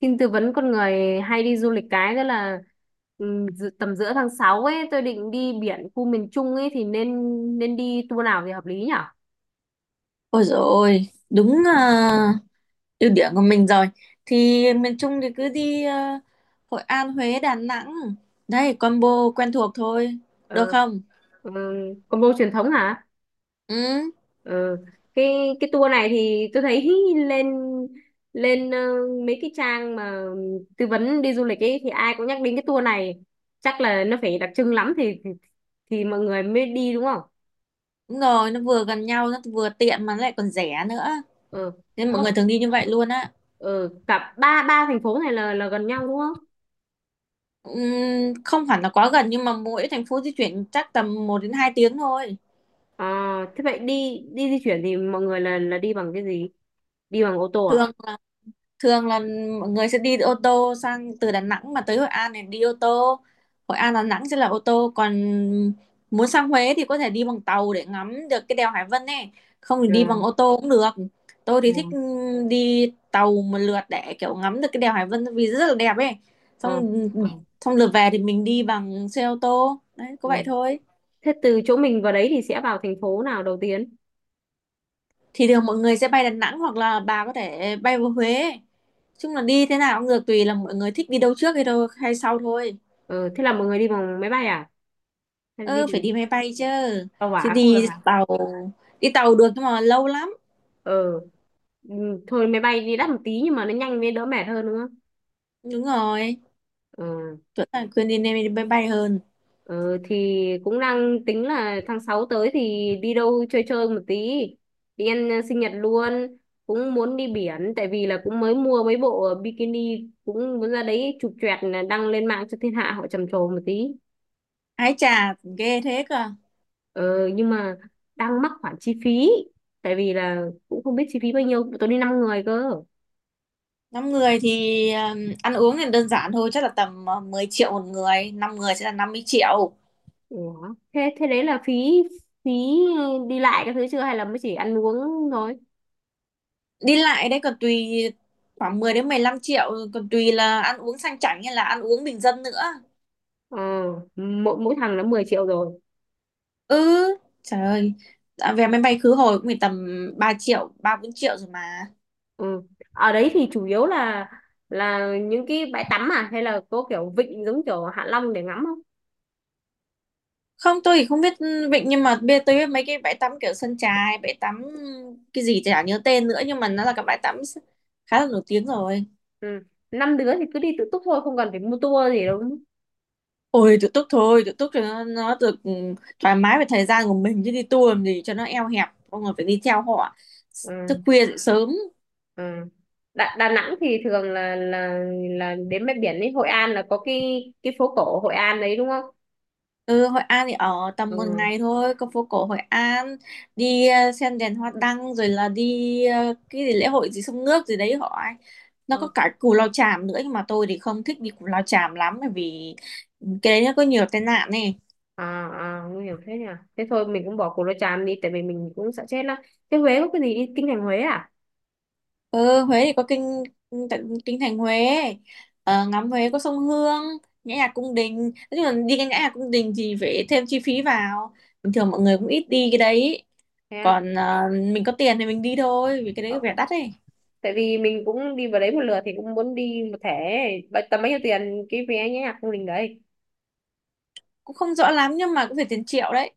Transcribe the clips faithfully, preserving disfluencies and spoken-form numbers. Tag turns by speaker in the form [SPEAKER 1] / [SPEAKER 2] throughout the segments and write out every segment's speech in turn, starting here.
[SPEAKER 1] Xin tư vấn con người hay đi du lịch cái đó là ừm, dự- tầm giữa tháng sáu ấy tôi định đi biển khu miền Trung ấy thì nên nên đi tour nào thì hợp lý nhở?
[SPEAKER 2] Ôi dồi ôi, đúng à, ưu điểm của mình rồi. Thì miền Trung thì cứ đi à, Hội An, Huế, Đà Nẵng. Đấy, combo quen thuộc thôi. Được
[SPEAKER 1] Ờ,
[SPEAKER 2] không?
[SPEAKER 1] ừ, combo truyền thống hả?
[SPEAKER 2] Ừ,
[SPEAKER 1] Ờ, cái cái tour này thì tôi thấy lên lên ờ, mấy cái trang mà tư vấn đi du lịch ấy thì ai cũng nhắc đến cái tour này, chắc là nó phải đặc trưng lắm thì thì, thì mọi người mới đi đúng không?
[SPEAKER 2] đúng rồi, nó vừa gần nhau, nó vừa tiện mà nó lại còn rẻ nữa.
[SPEAKER 1] Ờ,
[SPEAKER 2] Nên mọi người thường đi như vậy luôn á.
[SPEAKER 1] ừ, cả ba ba thành phố này là là gần nhau đúng không?
[SPEAKER 2] Ừm, không hẳn là quá gần nhưng mà mỗi thành phố di chuyển chắc tầm một đến hai tiếng thôi.
[SPEAKER 1] À, thế vậy đi đi di chuyển thì mọi người là là đi bằng cái gì? Đi bằng ô tô à?
[SPEAKER 2] Thường thường là mọi người sẽ đi ô tô sang, từ Đà Nẵng mà tới Hội An thì đi ô tô, Hội An Đà Nẵng sẽ là ô tô, còn muốn sang Huế thì có thể đi bằng tàu để ngắm được cái đèo Hải Vân này, không thì đi
[SPEAKER 1] À,
[SPEAKER 2] bằng ô tô cũng được. Tôi thì thích
[SPEAKER 1] à,
[SPEAKER 2] đi tàu một lượt để kiểu ngắm được cái đèo Hải Vân vì rất là đẹp ấy.
[SPEAKER 1] à,
[SPEAKER 2] xong
[SPEAKER 1] à,
[SPEAKER 2] xong lượt về thì mình đi bằng xe ô tô, đấy có
[SPEAKER 1] à.
[SPEAKER 2] vậy thôi.
[SPEAKER 1] Thế từ chỗ mình vào đấy thì sẽ vào thành phố nào đầu tiên?
[SPEAKER 2] Thì thường mọi người sẽ bay Đà Nẵng hoặc là bà có thể bay vào Huế, chung là đi thế nào cũng được, tùy là mọi người thích đi đâu trước hay đâu hay sau thôi.
[SPEAKER 1] Ờ, thế là mọi người đi bằng máy bay à? Hay đi
[SPEAKER 2] Ơ phải
[SPEAKER 1] bằng
[SPEAKER 2] đi máy bay chứ,
[SPEAKER 1] tàu
[SPEAKER 2] chứ
[SPEAKER 1] hỏa không được
[SPEAKER 2] đi
[SPEAKER 1] à?
[SPEAKER 2] tàu đi tàu được nhưng mà lâu lắm.
[SPEAKER 1] Ờ, ừ, thôi máy bay đi đắt một tí nhưng mà nó nhanh với đỡ mệt hơn nữa.
[SPEAKER 2] Đúng rồi,
[SPEAKER 1] Ờ,
[SPEAKER 2] chuẩn là khuyên đi nên đi máy bay hơn.
[SPEAKER 1] Ờ, thì cũng đang tính là tháng sáu tới thì đi đâu chơi chơi một tí. Đi ăn ờ, sinh nhật luôn. Cũng muốn đi biển tại vì là cũng mới mua mấy bộ ờ, bikini, cũng muốn ra đấy chụp choẹt là đăng lên mạng cho thiên hạ họ trầm trồ một tí.
[SPEAKER 2] Ái chà ghê thế cơ.
[SPEAKER 1] Ờ, nhưng mà đang mắc khoản chi phí tại vì là cũng không biết chi phí bao nhiêu, tôi đi năm người cơ.
[SPEAKER 2] Năm người thì ừm, ăn uống thì đơn giản thôi, chắc là tầm ờ, mười triệu một người, năm người sẽ là năm mươi triệu.
[SPEAKER 1] Ủa, thế thế đấy là phí phí đi lại các thứ chưa hay là mới chỉ ăn uống thôi?
[SPEAKER 2] Đi lại đấy còn tùy, khoảng mười đến mười lăm triệu, còn tùy là ăn uống sang chảnh hay là ăn uống bình dân nữa.
[SPEAKER 1] Ờ, mỗi mỗi thằng là mười triệu rồi.
[SPEAKER 2] Ừ, trời ơi. À, vé máy bay khứ hồi cũng phải tầm ba triệu, ba bốn triệu rồi mà.
[SPEAKER 1] Ừ. Ở đấy thì chủ yếu là là những cái bãi tắm à hay là có kiểu vịnh giống kiểu Hạ Long để ngắm không?
[SPEAKER 2] Không, tôi thì không biết vịnh, nhưng mà bây giờ tôi biết mấy cái bãi tắm kiểu sân chài, bãi tắm cái gì chả nhớ tên nữa nhưng mà nó là cái bãi tắm khá là nổi tiếng rồi.
[SPEAKER 1] Ừ. Năm đứa thì cứ đi tự túc thôi, không cần phải mua tour gì đâu. Đúng không?
[SPEAKER 2] Ôi tự túc thôi, tự túc cho nó, nó được ừ, thoải mái về thời gian của mình, chứ đi tour làm gì cho nó eo hẹp, mọi người phải đi theo họ, thức
[SPEAKER 1] Ừ.
[SPEAKER 2] khuya dậy sớm.
[SPEAKER 1] Ừ. Đà, Đà Nẵng thì thường là là là đến bãi biển ấy, Hội An là có cái cái phố cổ Hội An đấy đúng không?
[SPEAKER 2] Ừ, Hội An thì ở tầm một
[SPEAKER 1] Ừ.
[SPEAKER 2] ngày thôi, có phố cổ Hội An, đi ờ, xem đèn hoa đăng, rồi là đi ờ, cái gì lễ hội gì sông nước gì đấy họ ấy. Nó
[SPEAKER 1] Ờ.
[SPEAKER 2] có cả Cù Lao Chàm nữa, nhưng mà tôi thì không thích đi Cù Lao Chàm lắm, bởi vì cái đấy nó có nhiều tai nạn này.
[SPEAKER 1] À, à, nguy hiểm thế nhỉ. Thế thôi mình cũng bỏ Cù Lao Chàm đi tại vì mình cũng sợ chết lắm. Thế Huế có cái gì, đi kinh thành Huế à?
[SPEAKER 2] Ừ, Huế thì có kinh tận- kinh thành Huế, ờ, ngắm Huế có sông Hương, nhã nhạc cung đình. Nói chung là đi cái nhã nhạc cung đình thì phải thêm chi phí vào, bình thường mọi người cũng ít đi cái đấy.
[SPEAKER 1] Thế.
[SPEAKER 2] Còn ờ, mình có tiền thì mình đi thôi, vì cái
[SPEAKER 1] Á,
[SPEAKER 2] đấy vẻ đắt ấy.
[SPEAKER 1] tại vì mình cũng đi vào đấy một lượt thì cũng muốn đi một thẻ. Bao- tầm bao nhiêu tiền cái vé nhé không đình đấy?
[SPEAKER 2] Cũng không rõ lắm nhưng mà cũng phải tiền triệu đấy.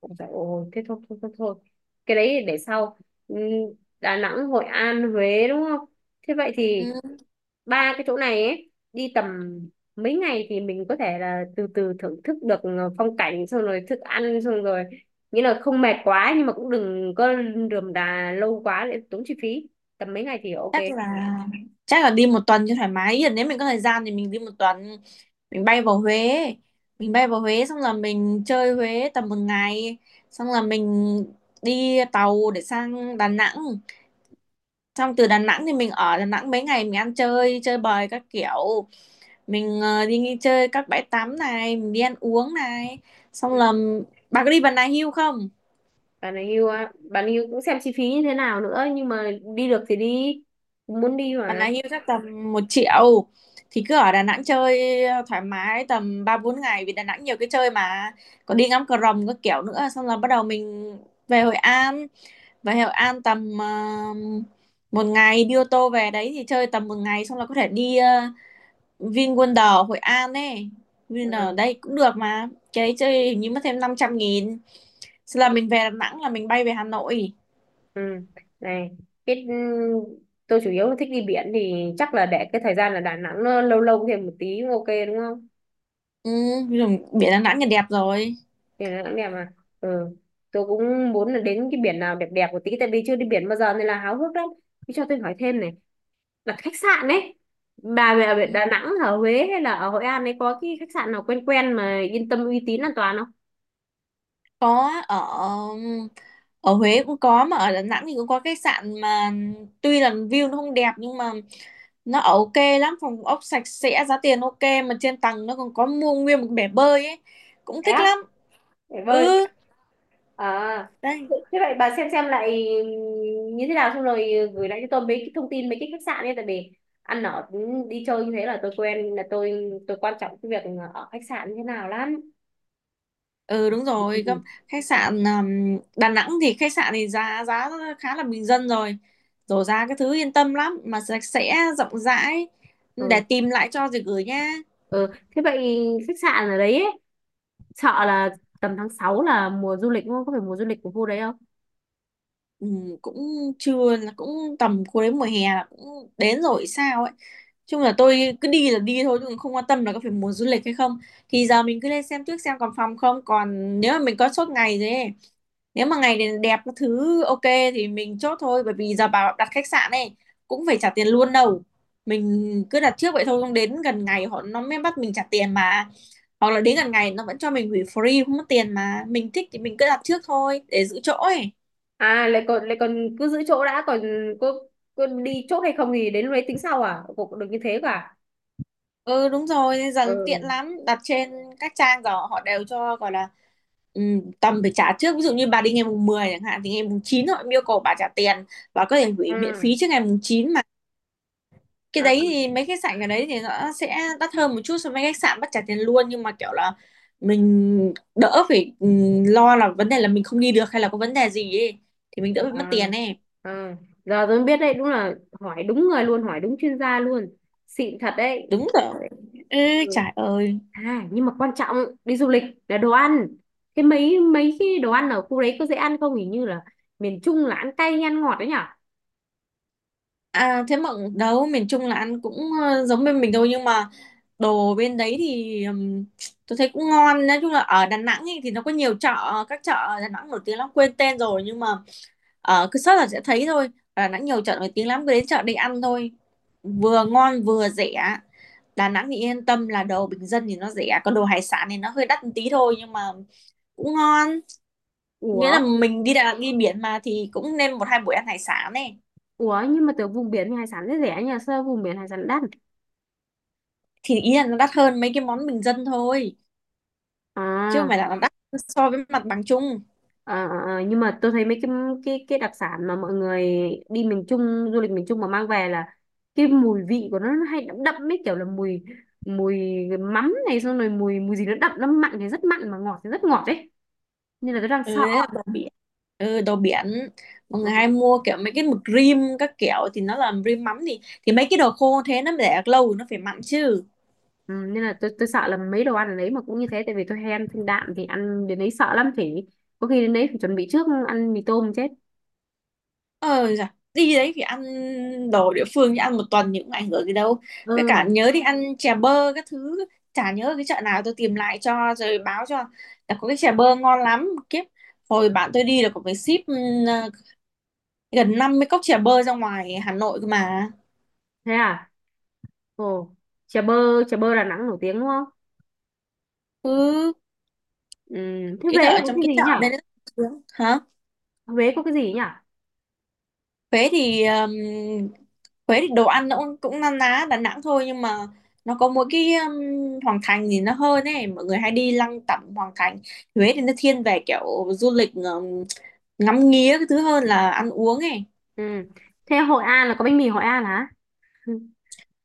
[SPEAKER 1] Ôi trời ơi, thế thôi thôi thôi thôi, cái đấy để sau. Ừm, Đà Nẵng, Hội An, Huế đúng không? Thế vậy
[SPEAKER 2] Ừ,
[SPEAKER 1] thì ba cái chỗ này ấy đi tầm mấy ngày thì mình có thể là từ từ thưởng thức được ờ, phong cảnh, xong rồi thức ăn, xong rồi nghĩa là không mệt quá nhưng mà cũng đừng có rườm rà lâu quá để tốn chi phí, tầm mấy ngày thì ok.
[SPEAKER 2] chắc là chắc là đi một tuần cho thoải mái. Ý là nếu mình có thời gian thì mình đi một tuần, mình bay vào Huế mình bay vào Huế xong là mình chơi Huế tầm một ngày, xong là mình đi tàu để sang Đà Nẵng. Xong từ Đà Nẵng thì mình ở Đà Nẵng mấy ngày, mình ăn chơi chơi bời các kiểu, mình ờ, đi nghỉ chơi các bãi tắm này, mình đi ăn uống này. Xong
[SPEAKER 1] Ừ.
[SPEAKER 2] là bà có đi Bà Nà Hills không?
[SPEAKER 1] Bạn ấy yêu á, bạn ấy yêu cũng xem chi phí như thế nào nữa nhưng mà đi được thì đi, cũng muốn đi
[SPEAKER 2] Bạn
[SPEAKER 1] mà.
[SPEAKER 2] ấy hưu chắc tầm một triệu. Thì cứ ở Đà Nẵng chơi ờ, thoải mái tầm ba bốn ngày vì Đà Nẵng nhiều cái chơi mà, còn đi ngắm cờ rồng các kiểu nữa. Xong là bắt đầu mình về Hội An về Hội An tầm ờ, một ngày, đi ô tô về đấy thì chơi tầm một ngày, xong là có thể đi uh, VinWonder Hội An ấy, VinWonder
[SPEAKER 1] Ừ.
[SPEAKER 2] đây cũng được, mà cái đấy chơi hình như mất thêm năm trăm nghìn. Xong là mình về Đà Nẵng là mình bay về Hà Nội.
[SPEAKER 1] Ừ. Này, cái ừ, tôi chủ yếu là thích đi biển thì chắc là để cái thời gian là Đà Nẵng nó lâu lâu thêm một tí cũng ok đúng không?
[SPEAKER 2] Ừ, rồi biển Đà Nẵng là đẹp rồi.
[SPEAKER 1] Thì Đà Nẵng đẹp mà. Ừ. Tôi cũng muốn là đến cái biển nào đẹp đẹp một tí tại vì chưa đi biển bao giờ nên là háo hức lắm. Thế cho tôi hỏi thêm này, là khách sạn ấy, bà về ở
[SPEAKER 2] Ừ.
[SPEAKER 1] Đà Nẵng, ở Huế hay là ở Hội An ấy, có cái khách sạn nào quen quen mà yên tâm, uy tín, an toàn không?
[SPEAKER 2] Có, ở ở Huế cũng có mà ở Đà Nẵng thì cũng có khách sạn mà, tuy là view nó không đẹp nhưng mà nó ở ok lắm, phòng ốc sạch sẽ, giá tiền ok, mà trên tầng nó còn có mua nguyên một bể bơi ấy, cũng
[SPEAKER 1] Thế
[SPEAKER 2] thích
[SPEAKER 1] á?
[SPEAKER 2] lắm.
[SPEAKER 1] Để bơi.
[SPEAKER 2] Ừ,
[SPEAKER 1] À,
[SPEAKER 2] đây.
[SPEAKER 1] thế vậy bà xem xem lại như thế nào xong rồi gửi lại cho tôi mấy cái thông tin mấy cái khách sạn ấy, tại vì ăn ở, đi chơi như thế là tôi quen, là tôi tôi quan trọng cái việc ở khách sạn như thế nào lắm.
[SPEAKER 2] Ừ đúng rồi,
[SPEAKER 1] Ừ,
[SPEAKER 2] gâm- khách sạn um, Đà Nẵng thì khách sạn thì giá giá khá là bình dân rồi, rồi giá cái thứ yên tâm lắm, mà sạch sẽ rộng rãi, để
[SPEAKER 1] ừ.
[SPEAKER 2] tìm lại cho rồi gửi nha.
[SPEAKER 1] Ừ. Thế vậy khách sạn ở đấy ấy, sợ là tầm tháng sáu là mùa du lịch đúng không? Có phải mùa du lịch của khu đấy không?
[SPEAKER 2] Ừ, cũng chưa, là cũng tầm cuối đến mùa hè là cũng đến rồi sao ấy, chung là tôi cứ đi là đi thôi chứ không quan tâm là có phải mùa du lịch hay không. Thì giờ mình cứ lên xem trước xem còn phòng không, còn nếu mà mình có chốt ngày rồi ấy, nếu mà ngày này đẹp các thứ ok thì mình chốt thôi, bởi vì giờ bảo đặt khách sạn này cũng phải trả tiền luôn đâu, mình cứ đặt trước vậy thôi, không đến gần ngày họ nó mới bắt mình trả tiền mà, hoặc là đến gần ngày nó vẫn cho mình hủy free không mất tiền, mà mình thích thì mình cứ đặt trước thôi để giữ chỗ ấy.
[SPEAKER 1] À, lại còn lại còn cứ giữ chỗ đã, còn có có đi chốt hay không thì đến lúc đấy tính sau à? Cũng được như thế cả.
[SPEAKER 2] Ừ đúng rồi, bây giờ tiện
[SPEAKER 1] Ừ.
[SPEAKER 2] lắm, đặt trên các trang rồi họ đều cho gọi là ừm, tầm phải trả trước, ví dụ như bà đi ngày mùng mười chẳng hạn thì ngày mùng chín họ yêu cầu bà trả tiền, bà có thể hủy miễn phí trước ngày mùng chín mà. Cái
[SPEAKER 1] À,
[SPEAKER 2] đấy thì mấy khách sạn ở đấy thì nó sẽ đắt hơn một chút so với khách sạn bắt trả tiền luôn, nhưng mà kiểu là mình đỡ phải ừm, lo là vấn đề là mình không đi được hay là có vấn đề gì ấy, thì mình đỡ bị mất
[SPEAKER 1] À,
[SPEAKER 2] tiền ấy.
[SPEAKER 1] à. Giờ tôi mới biết đấy, đúng là hỏi đúng người luôn, hỏi đúng chuyên gia luôn. Xịn thật đấy.
[SPEAKER 2] Đúng rồi. Ừ,
[SPEAKER 1] Ừ.
[SPEAKER 2] trời ơi.
[SPEAKER 1] À, nhưng mà quan trọng đi du lịch là đồ ăn. Thế mấy mấy cái đồ ăn ở khu đấy có dễ ăn không? Hình như là miền Trung là ăn cay hay ăn ngọt đấy nhở?
[SPEAKER 2] À thế mà đâu, miền Trung là ăn cũng ờ, giống bên mình thôi, nhưng mà đồ bên đấy thì ừm, tôi thấy cũng ngon. Nói chung là ở Đà Nẵng ấy, thì nó có nhiều chợ, các chợ ở Đà Nẵng nổi tiếng lắm quên tên rồi, nhưng mà ờ, cứ search là sẽ thấy thôi, ở Đà Nẵng nhiều chợ nổi tiếng lắm, cứ đến chợ đi ăn thôi, vừa ngon vừa rẻ. Đà Nẵng thì yên tâm là đồ bình dân thì nó rẻ, còn đồ hải sản thì nó hơi đắt một tí thôi nhưng mà cũng ngon. Nghĩa
[SPEAKER 1] Ủa,
[SPEAKER 2] là mình đi Đà Nẵng đi biển mà thì cũng nên một hai buổi ăn hải sản.
[SPEAKER 1] ủa nhưng mà từ vùng biển thì hải sản rất rẻ nhỉ? Sao vùng biển hải sản đắt?
[SPEAKER 2] Thì ý là nó đắt hơn mấy cái món bình dân thôi, chứ không
[SPEAKER 1] À.
[SPEAKER 2] phải là nó đắt so với mặt bằng chung.
[SPEAKER 1] Ờ, ờ, nhưng mà tôi thấy mấy cái cái cái đặc sản mà mọi người đi miền Trung, du lịch miền Trung mà mang về là cái mùi vị của nó, nó hay đậm đậm ấy, kiểu là mùi mùi mắm này, xong rồi mùi mùi gì nó đậm, nó mặn thì rất mặn mà ngọt thì rất ngọt ấy, nên là tôi đang
[SPEAKER 2] Ừ
[SPEAKER 1] sợ.
[SPEAKER 2] đấy là đồ biển, ừ đồ biển, mọi
[SPEAKER 1] Ừ,
[SPEAKER 2] người hay mua kiểu mấy cái mực rim các kiểu thì nó là rim mắm, thì thì mấy cái đồ khô thế nó để được lâu nó phải mặn chứ.
[SPEAKER 1] ừ, nên là tôi tôi sợ là mấy đồ ăn ở đấy mà cũng như thế, tại vì tôi hay ăn thanh đạm thì ăn đến đấy sợ lắm, phải có khi đến đấy phải chuẩn bị trước ăn mì tôm chết.
[SPEAKER 2] ờ dạ, đi đấy thì ăn đồ địa phương chứ ăn một tuần thì cũng ảnh hưởng gì đâu. Với cả
[SPEAKER 1] Ừ,
[SPEAKER 2] nhớ đi ăn chè bơ các thứ, chả nhớ cái chợ nào, tôi tìm lại cho rồi báo cho, là có cái chè bơ ngon lắm kiếp. Hồi bạn tôi đi là có phải ship ừ, gần năm mươi cốc chè bơ ra ngoài Hà Nội cơ mà.
[SPEAKER 1] thế à? Ồ, chè bơ, chè bơ Đà Nẵng nổi tiếng đúng không?
[SPEAKER 2] Cứ
[SPEAKER 1] Ừ. Thế
[SPEAKER 2] ý
[SPEAKER 1] Huế
[SPEAKER 2] là
[SPEAKER 1] là
[SPEAKER 2] ở
[SPEAKER 1] có
[SPEAKER 2] trong
[SPEAKER 1] cái
[SPEAKER 2] cái
[SPEAKER 1] gì
[SPEAKER 2] chợ
[SPEAKER 1] nhỉ?
[SPEAKER 2] đây đấy. Hả?
[SPEAKER 1] Huế có cái gì nhỉ?
[SPEAKER 2] Huế thì um, Huế thì đồ ăn nó cũng cũng na ná Đà Nẵng thôi, nhưng mà nó có mỗi cái um, Hoàng Thành thì nó hơn ấy, mọi người hay đi lăng tẩm Hoàng Thành. Huế thì nó thiên về kiểu du lịch um, ngắm nghía cái thứ hơn là ăn uống ấy.
[SPEAKER 1] Ừ. Thế Hội An là có bánh mì Hội An hả? Ừ.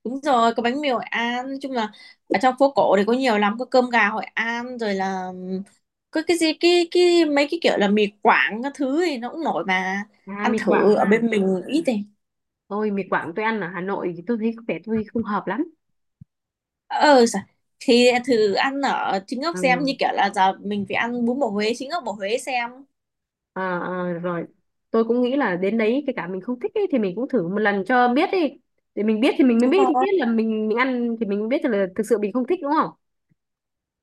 [SPEAKER 2] Đúng rồi, có bánh mì Hội An, nói chung là ở trong phố cổ thì có nhiều lắm, có cơm gà Hội An rồi là ừm, có cái gì cái cái mấy cái kiểu là mì Quảng các thứ thì nó cũng nổi mà.
[SPEAKER 1] À,
[SPEAKER 2] Ăn
[SPEAKER 1] mì
[SPEAKER 2] thử
[SPEAKER 1] Quảng
[SPEAKER 2] ở
[SPEAKER 1] à.
[SPEAKER 2] bên mình ít thì.
[SPEAKER 1] Ôi mì Quảng tôi ăn ở Hà Nội thì tôi thấy có vẻ tôi không hợp lắm.
[SPEAKER 2] Ờ sao? Thì thử ăn ở chính gốc xem,
[SPEAKER 1] Ừ.
[SPEAKER 2] như kiểu là giờ mình phải ăn bún bò Huế chính gốc bò Huế xem.
[SPEAKER 1] Ờ, ờ, rồi. Tôi cũng nghĩ là đến đấy kể cả mình không thích ấy, thì mình cũng thử một lần cho biết đi. Để mình biết thì mình mới
[SPEAKER 2] Đúng
[SPEAKER 1] biết, biết
[SPEAKER 2] rồi.
[SPEAKER 1] là mình mình ăn thì mình mới biết là thực sự mình không thích đúng không?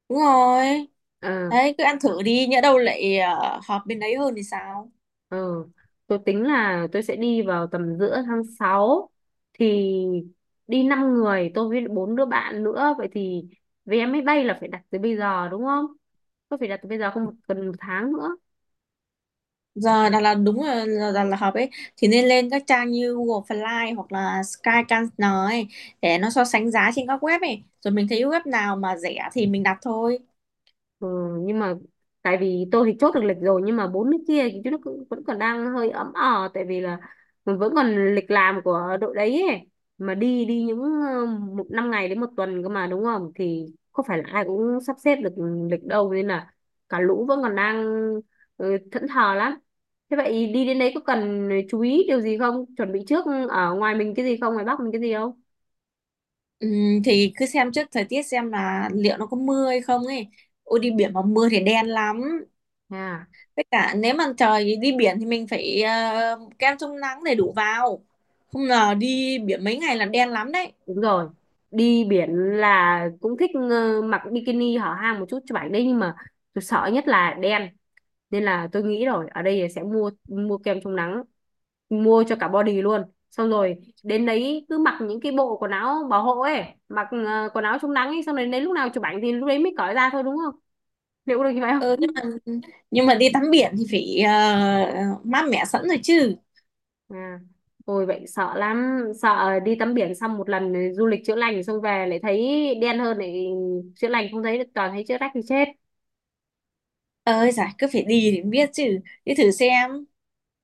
[SPEAKER 2] Đúng rồi.
[SPEAKER 1] Ờ.
[SPEAKER 2] Đấy cứ ăn thử đi, nhỡ đâu lại ờ, hợp bên đấy hơn thì sao?
[SPEAKER 1] Ừ. Tôi tính là tôi sẽ đi vào tầm giữa tháng sáu thì đi năm người, tôi với bốn đứa bạn nữa, vậy thì vé máy bay là phải đặt từ bây giờ đúng không? Tôi phải đặt từ bây giờ không, cần một tháng nữa.
[SPEAKER 2] Giờ Đà Lạt đúng là là Đà Lạt hợp ấy, thì nên lên các trang như Google Fly hoặc là Skyscanner ấy, để nó so sánh giá trên các web ấy, rồi mình thấy web nào mà rẻ thì mình đặt thôi.
[SPEAKER 1] Ừ, nhưng mà tại vì tôi thì chốt được lịch rồi nhưng mà bốn nước kia thì chúng nó cứ- vẫn còn đang hơi ấm ờ tại vì là mình vẫn còn lịch làm của đội đấy ấy. Mà đi đi những ờ, một năm ngày đến một tuần cơ mà đúng không, thì không phải là ai cũng sắp xếp được lịch đâu, nên là cả lũ vẫn còn đang ừ, thẫn thờ lắm. Thế vậy đi đến đấy có cần chú ý điều gì không, chuẩn bị trước ở ngoài mình cái gì không, ngoài Bắc mình cái gì không?
[SPEAKER 2] Ừm, thì cứ xem trước thời tiết xem là liệu nó có mưa hay không ấy, ôi đi biển mà mưa thì đen lắm.
[SPEAKER 1] À.
[SPEAKER 2] Tất cả nếu mà trời đi biển thì mình phải ờ, kem chống nắng đầy đủ vào, không ngờ đi biển mấy ngày là đen lắm đấy.
[SPEAKER 1] Đúng rồi. Đi biển là cũng thích ờ, mặc bikini hở hang một chút cho bạn đấy nhưng mà tôi sợ nhất là đen, nên là tôi nghĩ rồi, ở đây sẽ mua mua kem chống nắng mua cho cả body luôn, xong rồi đến đấy cứ mặc những cái bộ quần áo bảo hộ ấy, mặc ờ, quần áo chống nắng ấy, xong rồi đến lúc nào chụp ảnh thì lúc đấy mới cởi ra thôi đúng không, liệu có được như vậy
[SPEAKER 2] Ừ,
[SPEAKER 1] không?
[SPEAKER 2] nhưng mà nhưng mà đi tắm biển thì phải ờ, mát mẻ sẵn rồi chứ.
[SPEAKER 1] À, ôi vậy sợ lắm, sợ đi tắm biển xong một lần du lịch chữa lành xong về lại thấy đen hơn, lại chữa lành không thấy toàn thấy chữa rách thì chết.
[SPEAKER 2] Ơi giải cứ phải đi thì mới biết chứ, đi thử xem.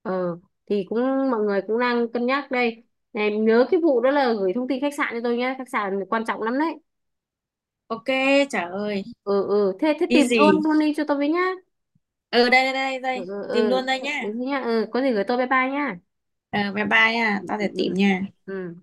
[SPEAKER 1] Ờ, thì cũng mọi người cũng đang cân nhắc đây. Này, nhớ cái vụ đó là gửi thông tin khách sạn cho tôi nhé, khách sạn quan trọng lắm đấy.
[SPEAKER 2] Ok. Trời ơi.
[SPEAKER 1] Ừ, ừ, thế thế
[SPEAKER 2] Đi
[SPEAKER 1] tìm
[SPEAKER 2] gì?
[SPEAKER 1] luôn luôn đi cho tôi với nhá.
[SPEAKER 2] ờ Đây đây đây
[SPEAKER 1] Ừ,
[SPEAKER 2] đây.
[SPEAKER 1] ừ,
[SPEAKER 2] Tìm luôn
[SPEAKER 1] ừ,
[SPEAKER 2] đây nhá.
[SPEAKER 1] đúng nhá. Ừ, có gì gửi tôi, bye bye nhá.
[SPEAKER 2] Ờ bye bye nha,
[SPEAKER 1] Ừ,
[SPEAKER 2] tao
[SPEAKER 1] ừ,
[SPEAKER 2] sẽ tìm
[SPEAKER 1] ừ.
[SPEAKER 2] nha.
[SPEAKER 1] Ừ.